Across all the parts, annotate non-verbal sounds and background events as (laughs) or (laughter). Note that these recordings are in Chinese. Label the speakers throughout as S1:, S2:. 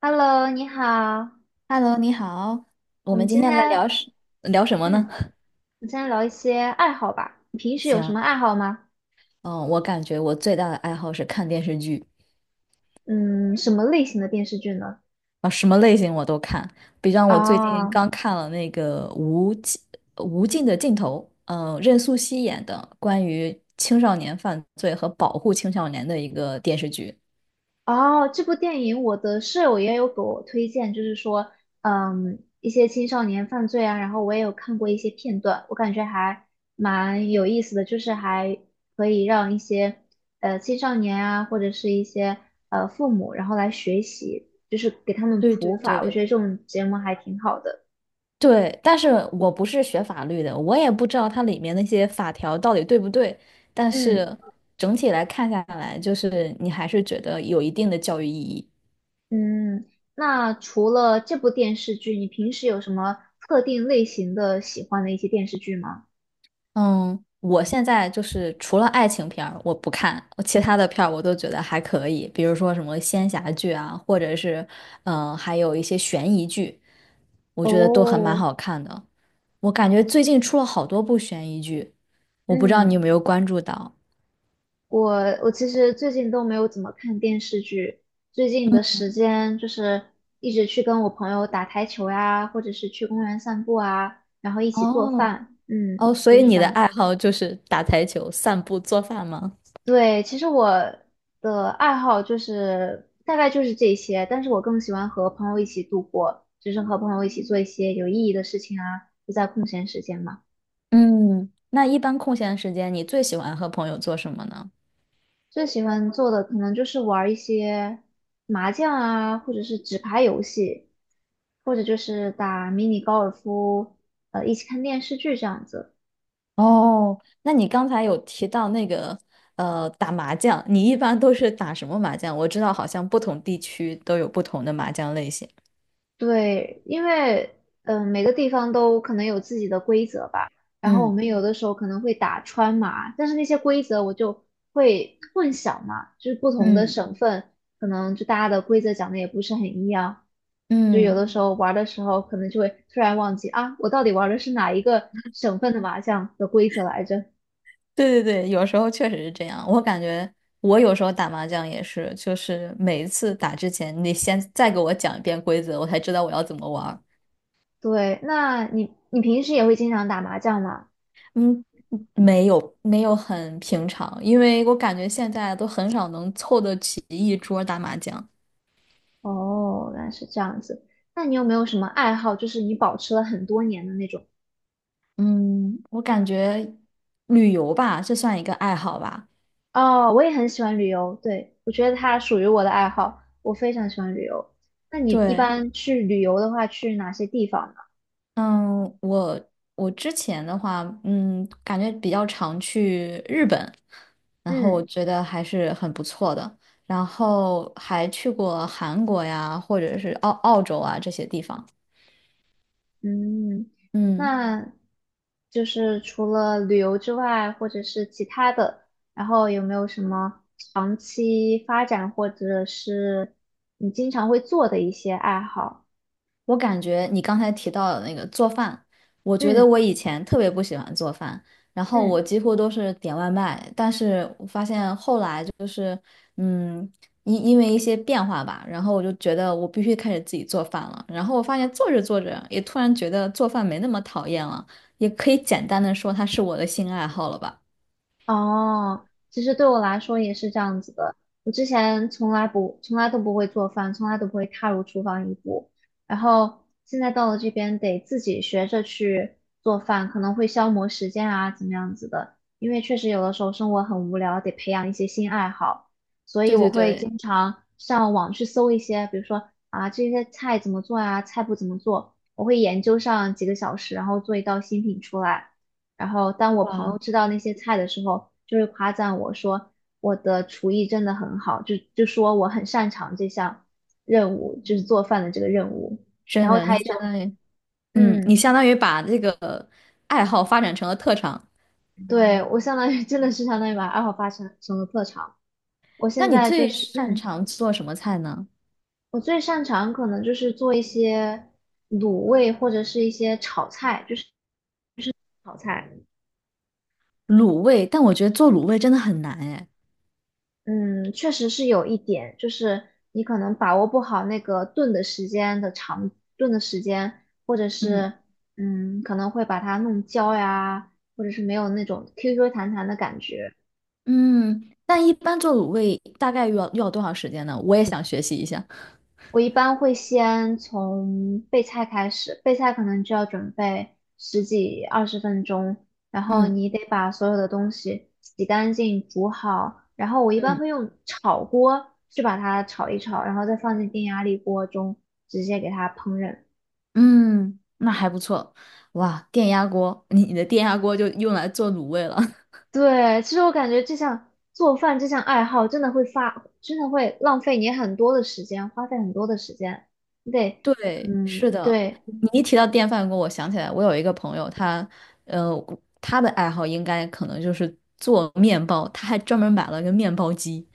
S1: Hello，你好，
S2: Hello，你好，我
S1: 我们
S2: 们今
S1: 今
S2: 天来
S1: 天，
S2: 聊什么
S1: 嗯，我
S2: 呢？
S1: 们今天聊一些爱好吧。你平时有什么
S2: 行，
S1: 爱好吗？
S2: 嗯，我感觉我最大的爱好是看电视剧。
S1: 嗯，什么类型的电视剧呢？
S2: 啊，什么类型我都看。比方我最近
S1: 啊
S2: 刚看了那个《无尽的尽头》，任素汐演的关于青少年犯罪和保护青少年的一个电视剧。
S1: 哦，这部电影我的舍友也有给我推荐，就是说，嗯，一些青少年犯罪啊，然后我也有看过一些片段，我感觉还蛮有意思的，就是还可以让一些青少年啊，或者是一些父母，然后来学习，就是给他们
S2: 对
S1: 普
S2: 对
S1: 法，我觉
S2: 对，
S1: 得这种节目还挺好的。
S2: 对，但是我不是学法律的，我也不知道它里面那些法条到底对不对。但
S1: 嗯
S2: 是整体来看下来，就是你还是觉得有一定的教育意义。
S1: 嗯，那除了这部电视剧，你平时有什么特定类型的喜欢的一些电视剧吗？
S2: 嗯，我现在就是除了爱情片儿我不看，其他的片儿我都觉得还可以，比如说什么仙侠剧啊，或者是还有一些悬疑剧，我觉得都很蛮
S1: 哦，
S2: 好看的。我感觉最近出了好多部悬疑剧，我不知道你
S1: 嗯，
S2: 有没有关注到。
S1: 我我其实最近都没有怎么看电视剧，最近的时间就是一直去跟我朋友打台球呀，或者是去公园散步啊，然后一起做
S2: 哦，
S1: 饭，嗯，
S2: 哦，所
S1: 就
S2: 以
S1: 是
S2: 你
S1: 这
S2: 的
S1: 样
S2: 爱
S1: 子。
S2: 好就是打台球、散步、做饭吗？
S1: 对，其实我的爱好就是大概就是这些，但是我更喜欢和朋友一起度过，就是和朋友一起做一些有意义的事情啊，就在空闲时间嘛。
S2: 嗯，那一般空闲时间，你最喜欢和朋友做什么呢？
S1: 最喜欢做的可能就是玩儿一些麻将啊，或者是纸牌游戏，或者就是打迷你高尔夫，一起看电视剧这样子。
S2: 哦，那你刚才有提到那个打麻将，你一般都是打什么麻将？我知道好像不同地区都有不同的麻将类型。
S1: 对，因为每个地方都可能有自己的规则吧。然后我
S2: 嗯
S1: 们有的时候可能会打川麻，但是那些规则我就会混淆嘛，就是不同的
S2: 嗯
S1: 省份可能就大家的规则讲的也不是很一样，就有
S2: 嗯，
S1: 的时候玩儿的时候可能就会突然忘记啊，我到底玩儿的是哪一个省份的麻将的规则来着？
S2: 对对对，有时候确实是这样。我感觉我有时候打麻将也是，就是每一次打之前，你先再给我讲一遍规则，我才知道我要怎么玩。
S1: 对，那你平时也会经常打麻将吗？
S2: 嗯，没有没有很平常，因为我感觉现在都很少能凑得起一桌儿打麻将。
S1: 哦，原来是这样子。那你有没有什么爱好，就是你保持了很多年的那种？
S2: 嗯，我感觉旅游吧，这算一个爱好吧。
S1: 哦，我也很喜欢旅游，对，我觉得它属于我的爱好，我非常喜欢旅游。那你一
S2: 对，
S1: 般去旅游的话，去哪些地方呢？
S2: 嗯，我之前的话，嗯，感觉比较常去日本，然后
S1: 嗯
S2: 我觉得还是很不错的。然后还去过韩国呀，或者是澳洲啊这些地方。
S1: 嗯，
S2: 嗯。
S1: 那就是除了旅游之外，或者是其他的，然后有没有什么长期发展，或者是你经常会做的一些爱好？
S2: 我感觉你刚才提到的那个做饭，我觉
S1: 嗯
S2: 得我以前特别不喜欢做饭，然后我
S1: 嗯。
S2: 几乎都是点外卖，但是我发现后来就是，嗯，因为一些变化吧，然后我就觉得我必须开始自己做饭了，然后我发现做着做着也突然觉得做饭没那么讨厌了，也可以简单的说它是我的新爱好了吧。
S1: 哦，其实对我来说也是这样子的。我之前从来不，从来都不会做饭，从来都不会踏入厨房一步。然后现在到了这边，得自己学着去做饭，可能会消磨时间啊，怎么样子的。因为确实有的时候生活很无聊，得培养一些新爱好。所以
S2: 对
S1: 我
S2: 对
S1: 会
S2: 对，
S1: 经常上网去搜一些，比如说啊，这些菜怎么做呀，菜谱怎么做，我会研究上几个小时，然后做一道新品出来。然后当我朋
S2: 哇，
S1: 友知道那些菜的时候，就会夸赞我说我的厨艺真的很好，就说我很擅长这项任务，就是做饭的这个任务。然
S2: 真
S1: 后
S2: 的，
S1: 他
S2: 你
S1: 也
S2: 相
S1: 就
S2: 当于，嗯，你
S1: 嗯，
S2: 相当于把这个爱好发展成了特长。
S1: 对，我相当于 (laughs) 真的是相当于把爱好发成成了特长。我
S2: 那
S1: 现
S2: 你
S1: 在
S2: 最
S1: 就是
S2: 擅
S1: 嗯，
S2: 长做什么菜呢？
S1: 我最擅长可能就是做一些卤味或者是一些炒菜，就是炒菜。
S2: 卤味，但我觉得做卤味真的很难哎。
S1: 嗯，确实是有一点，就是你可能把握不好那个炖的时间的长，炖的时间，或者
S2: 嗯，
S1: 是嗯，可能会把它弄焦呀，或者是没有那种 QQ 弹弹的感觉。
S2: 嗯，但一般做卤味大概要多少时间呢？我也想学习一下。
S1: 我一般会先从备菜开始，备菜可能就要准备十几二十分钟，然后
S2: 嗯，
S1: 你得把所有的东西洗干净、煮好，然后我一般
S2: 嗯
S1: 会用炒锅去把它炒一炒，然后再放进电压力锅中直接给它烹饪。
S2: 嗯，那还不错。哇，电压锅，你的电压锅就用来做卤味了。(laughs)
S1: 对，其实我感觉这项做饭这项爱好真的会发，真的会浪费你很多的时间，花费很多的时间，你得，
S2: 对，
S1: 嗯，
S2: 是的。
S1: 对。
S2: 你一提到电饭锅，我想起来，我有一个朋友，他呃，他的爱好应该可能就是做面包，他还专门买了个面包机。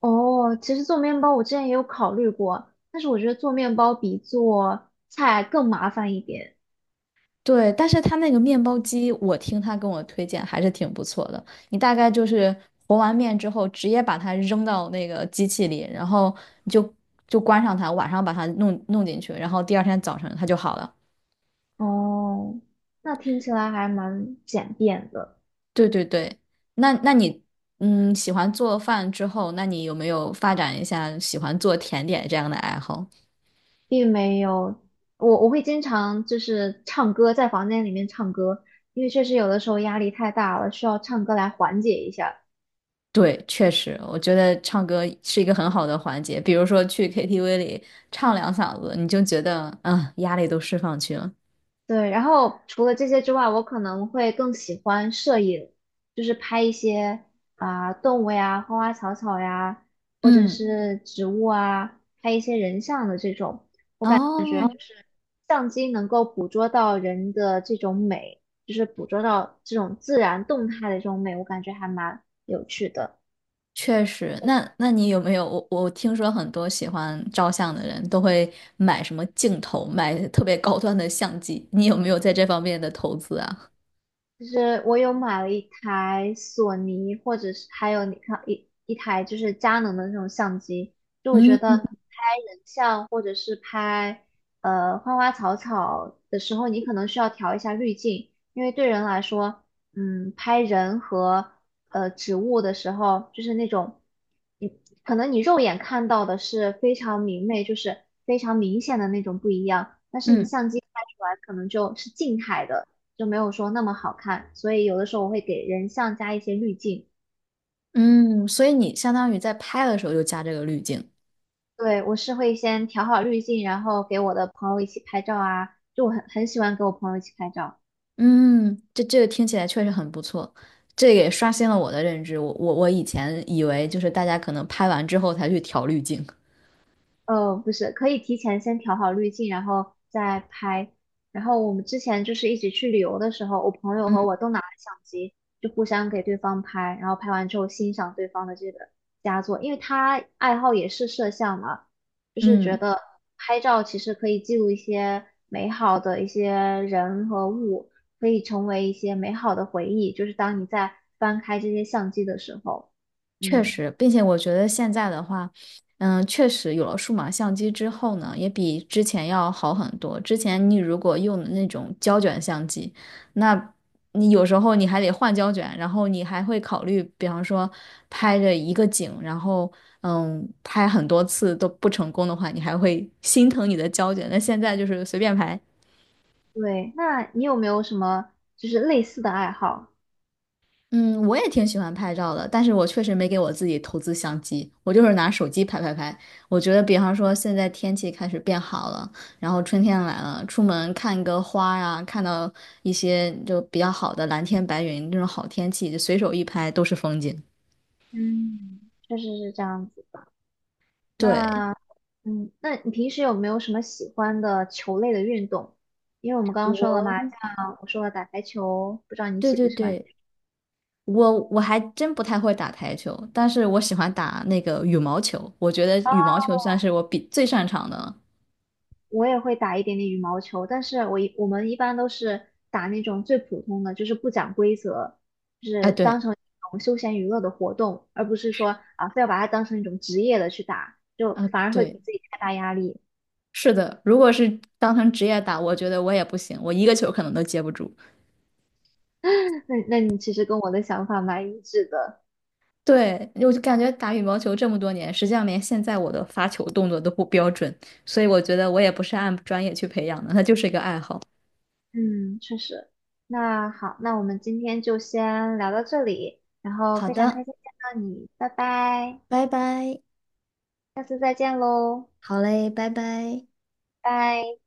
S1: 哦，其实做面包我之前也有考虑过，但是我觉得做面包比做菜更麻烦一点。
S2: 对，但是他那个面包机，我听他跟我推荐还是挺不错的。你大概就是和完面之后，直接把它扔到那个机器里，然后你就关上它，晚上把它弄进去，然后第二天早晨它就好了。
S1: 哦，那听起来还蛮简便的，
S2: 对对对，那喜欢做饭之后，那你有没有发展一下喜欢做甜点这样的爱好？
S1: 并没有我会经常就是唱歌，在房间里面唱歌，因为确实有的时候压力太大了，需要唱歌来缓解一下。
S2: 对，确实，我觉得唱歌是一个很好的环节，比如说去 KTV 里唱两嗓子，你就觉得压力都释放去了。
S1: 对，然后除了这些之外，我可能会更喜欢摄影，就是拍一些啊、动物呀、花花草草呀，或者
S2: 嗯，
S1: 是植物啊，拍一些人像的这种。然对，后
S2: 哦，
S1: 相机能够捕捉到人的这种美，就是捕捉到这种自然动态的这种美，我感觉还蛮有趣的。
S2: 确实。那有没有？我听说很多喜欢照相的人都会买什么镜头，买特别高端的相机。你有没有在这方面的投资啊？
S1: 就是我有买了一台索尼，或者是还有你看一台就是佳能的那种相机，就我觉得
S2: 嗯
S1: 拍人像或者是拍花花草草的时候，你可能需要调一下滤镜，因为对人来说，嗯，拍人和植物的时候，就是那种你可能你肉眼看到的是非常明媚，就是非常明显的那种不一样，但是你
S2: 嗯
S1: 相机拍出来可能就是静态的。就没有说那么好看，所以有的时候我会给人像加一些滤镜。
S2: 嗯，所以你相当于在拍的时候就加这个滤镜。
S1: 对，我是会先调好滤镜，然后给我的朋友一起拍照啊，就我很喜欢给我朋友一起拍照。
S2: 嗯，这听起来确实很不错，这也刷新了我的认知。我以前以为就是大家可能拍完之后才去调滤镜。
S1: 不是，可以提前先调好滤镜，然后再拍。然后我们之前就是一起去旅游的时候，我朋友和我
S2: 嗯
S1: 都拿了相机，就互相给对方拍，然后拍完之后欣赏对方的这个佳作，因为他爱好也是摄像嘛，就是觉
S2: 嗯。
S1: 得拍照其实可以记录一些美好的一些人和物，可以成为一些美好的回忆，就是当你在翻开这些相机的时候，
S2: 确
S1: 嗯。
S2: 实，并且我觉得现在的话，嗯，确实有了数码相机之后呢，也比之前要好很多。之前你如果用的那种胶卷相机，那你有时候你还得换胶卷，然后你还会考虑，比方说拍着一个景，然后嗯，拍很多次都不成功的话，你还会心疼你的胶卷。那现在就是随便拍，
S1: 对，那你有没有什么就是类似的爱好？
S2: 嗯，我也挺喜欢拍照的，但是我确实没给我自己投资相机，我就是拿手机拍拍拍。我觉得，比方说现在天气开始变好了，然后春天来了，出门看个花呀，看到一些就比较好的蓝天白云这种好天气，就随手一拍都是风景。
S1: 嗯，确实是这样子的。
S2: 对，
S1: 那，嗯，那你平时有没有什么喜欢的球类的运动？因为我们刚刚说了嘛，
S2: 我，
S1: 像我说了打台球，不知道你
S2: 对
S1: 喜不
S2: 对
S1: 喜欢？
S2: 对，我还真不太会打台球，但是我喜欢打那个羽毛球，我觉得羽毛球算是我比最擅长的了。
S1: 我也会打一点点羽毛球，但是我们一般都是打那种最普通的，就是不讲规则，就
S2: 啊，
S1: 是当
S2: 对，
S1: 成一种休闲娱乐的活动，而不是说啊非要把它当成一种职业的去打，就
S2: 啊，
S1: 反而会给
S2: 对。
S1: 自己太大压力。
S2: 是的，如果是当成职业打，我觉得我也不行，我一个球可能都接不住。
S1: (laughs) 那你其实跟我的想法蛮一致的，
S2: 对，我就感觉打羽毛球这么多年，实际上连现在我的发球动作都不标准，所以我觉得我也不是按专业去培养的，它就是一个爱好。
S1: 嗯，确实。那好，那我们今天就先聊到这里，然后
S2: 好
S1: 非常开
S2: 的，
S1: 心见到你，拜拜，
S2: 拜拜。
S1: 下次再见喽，
S2: 好嘞，拜拜。
S1: 拜。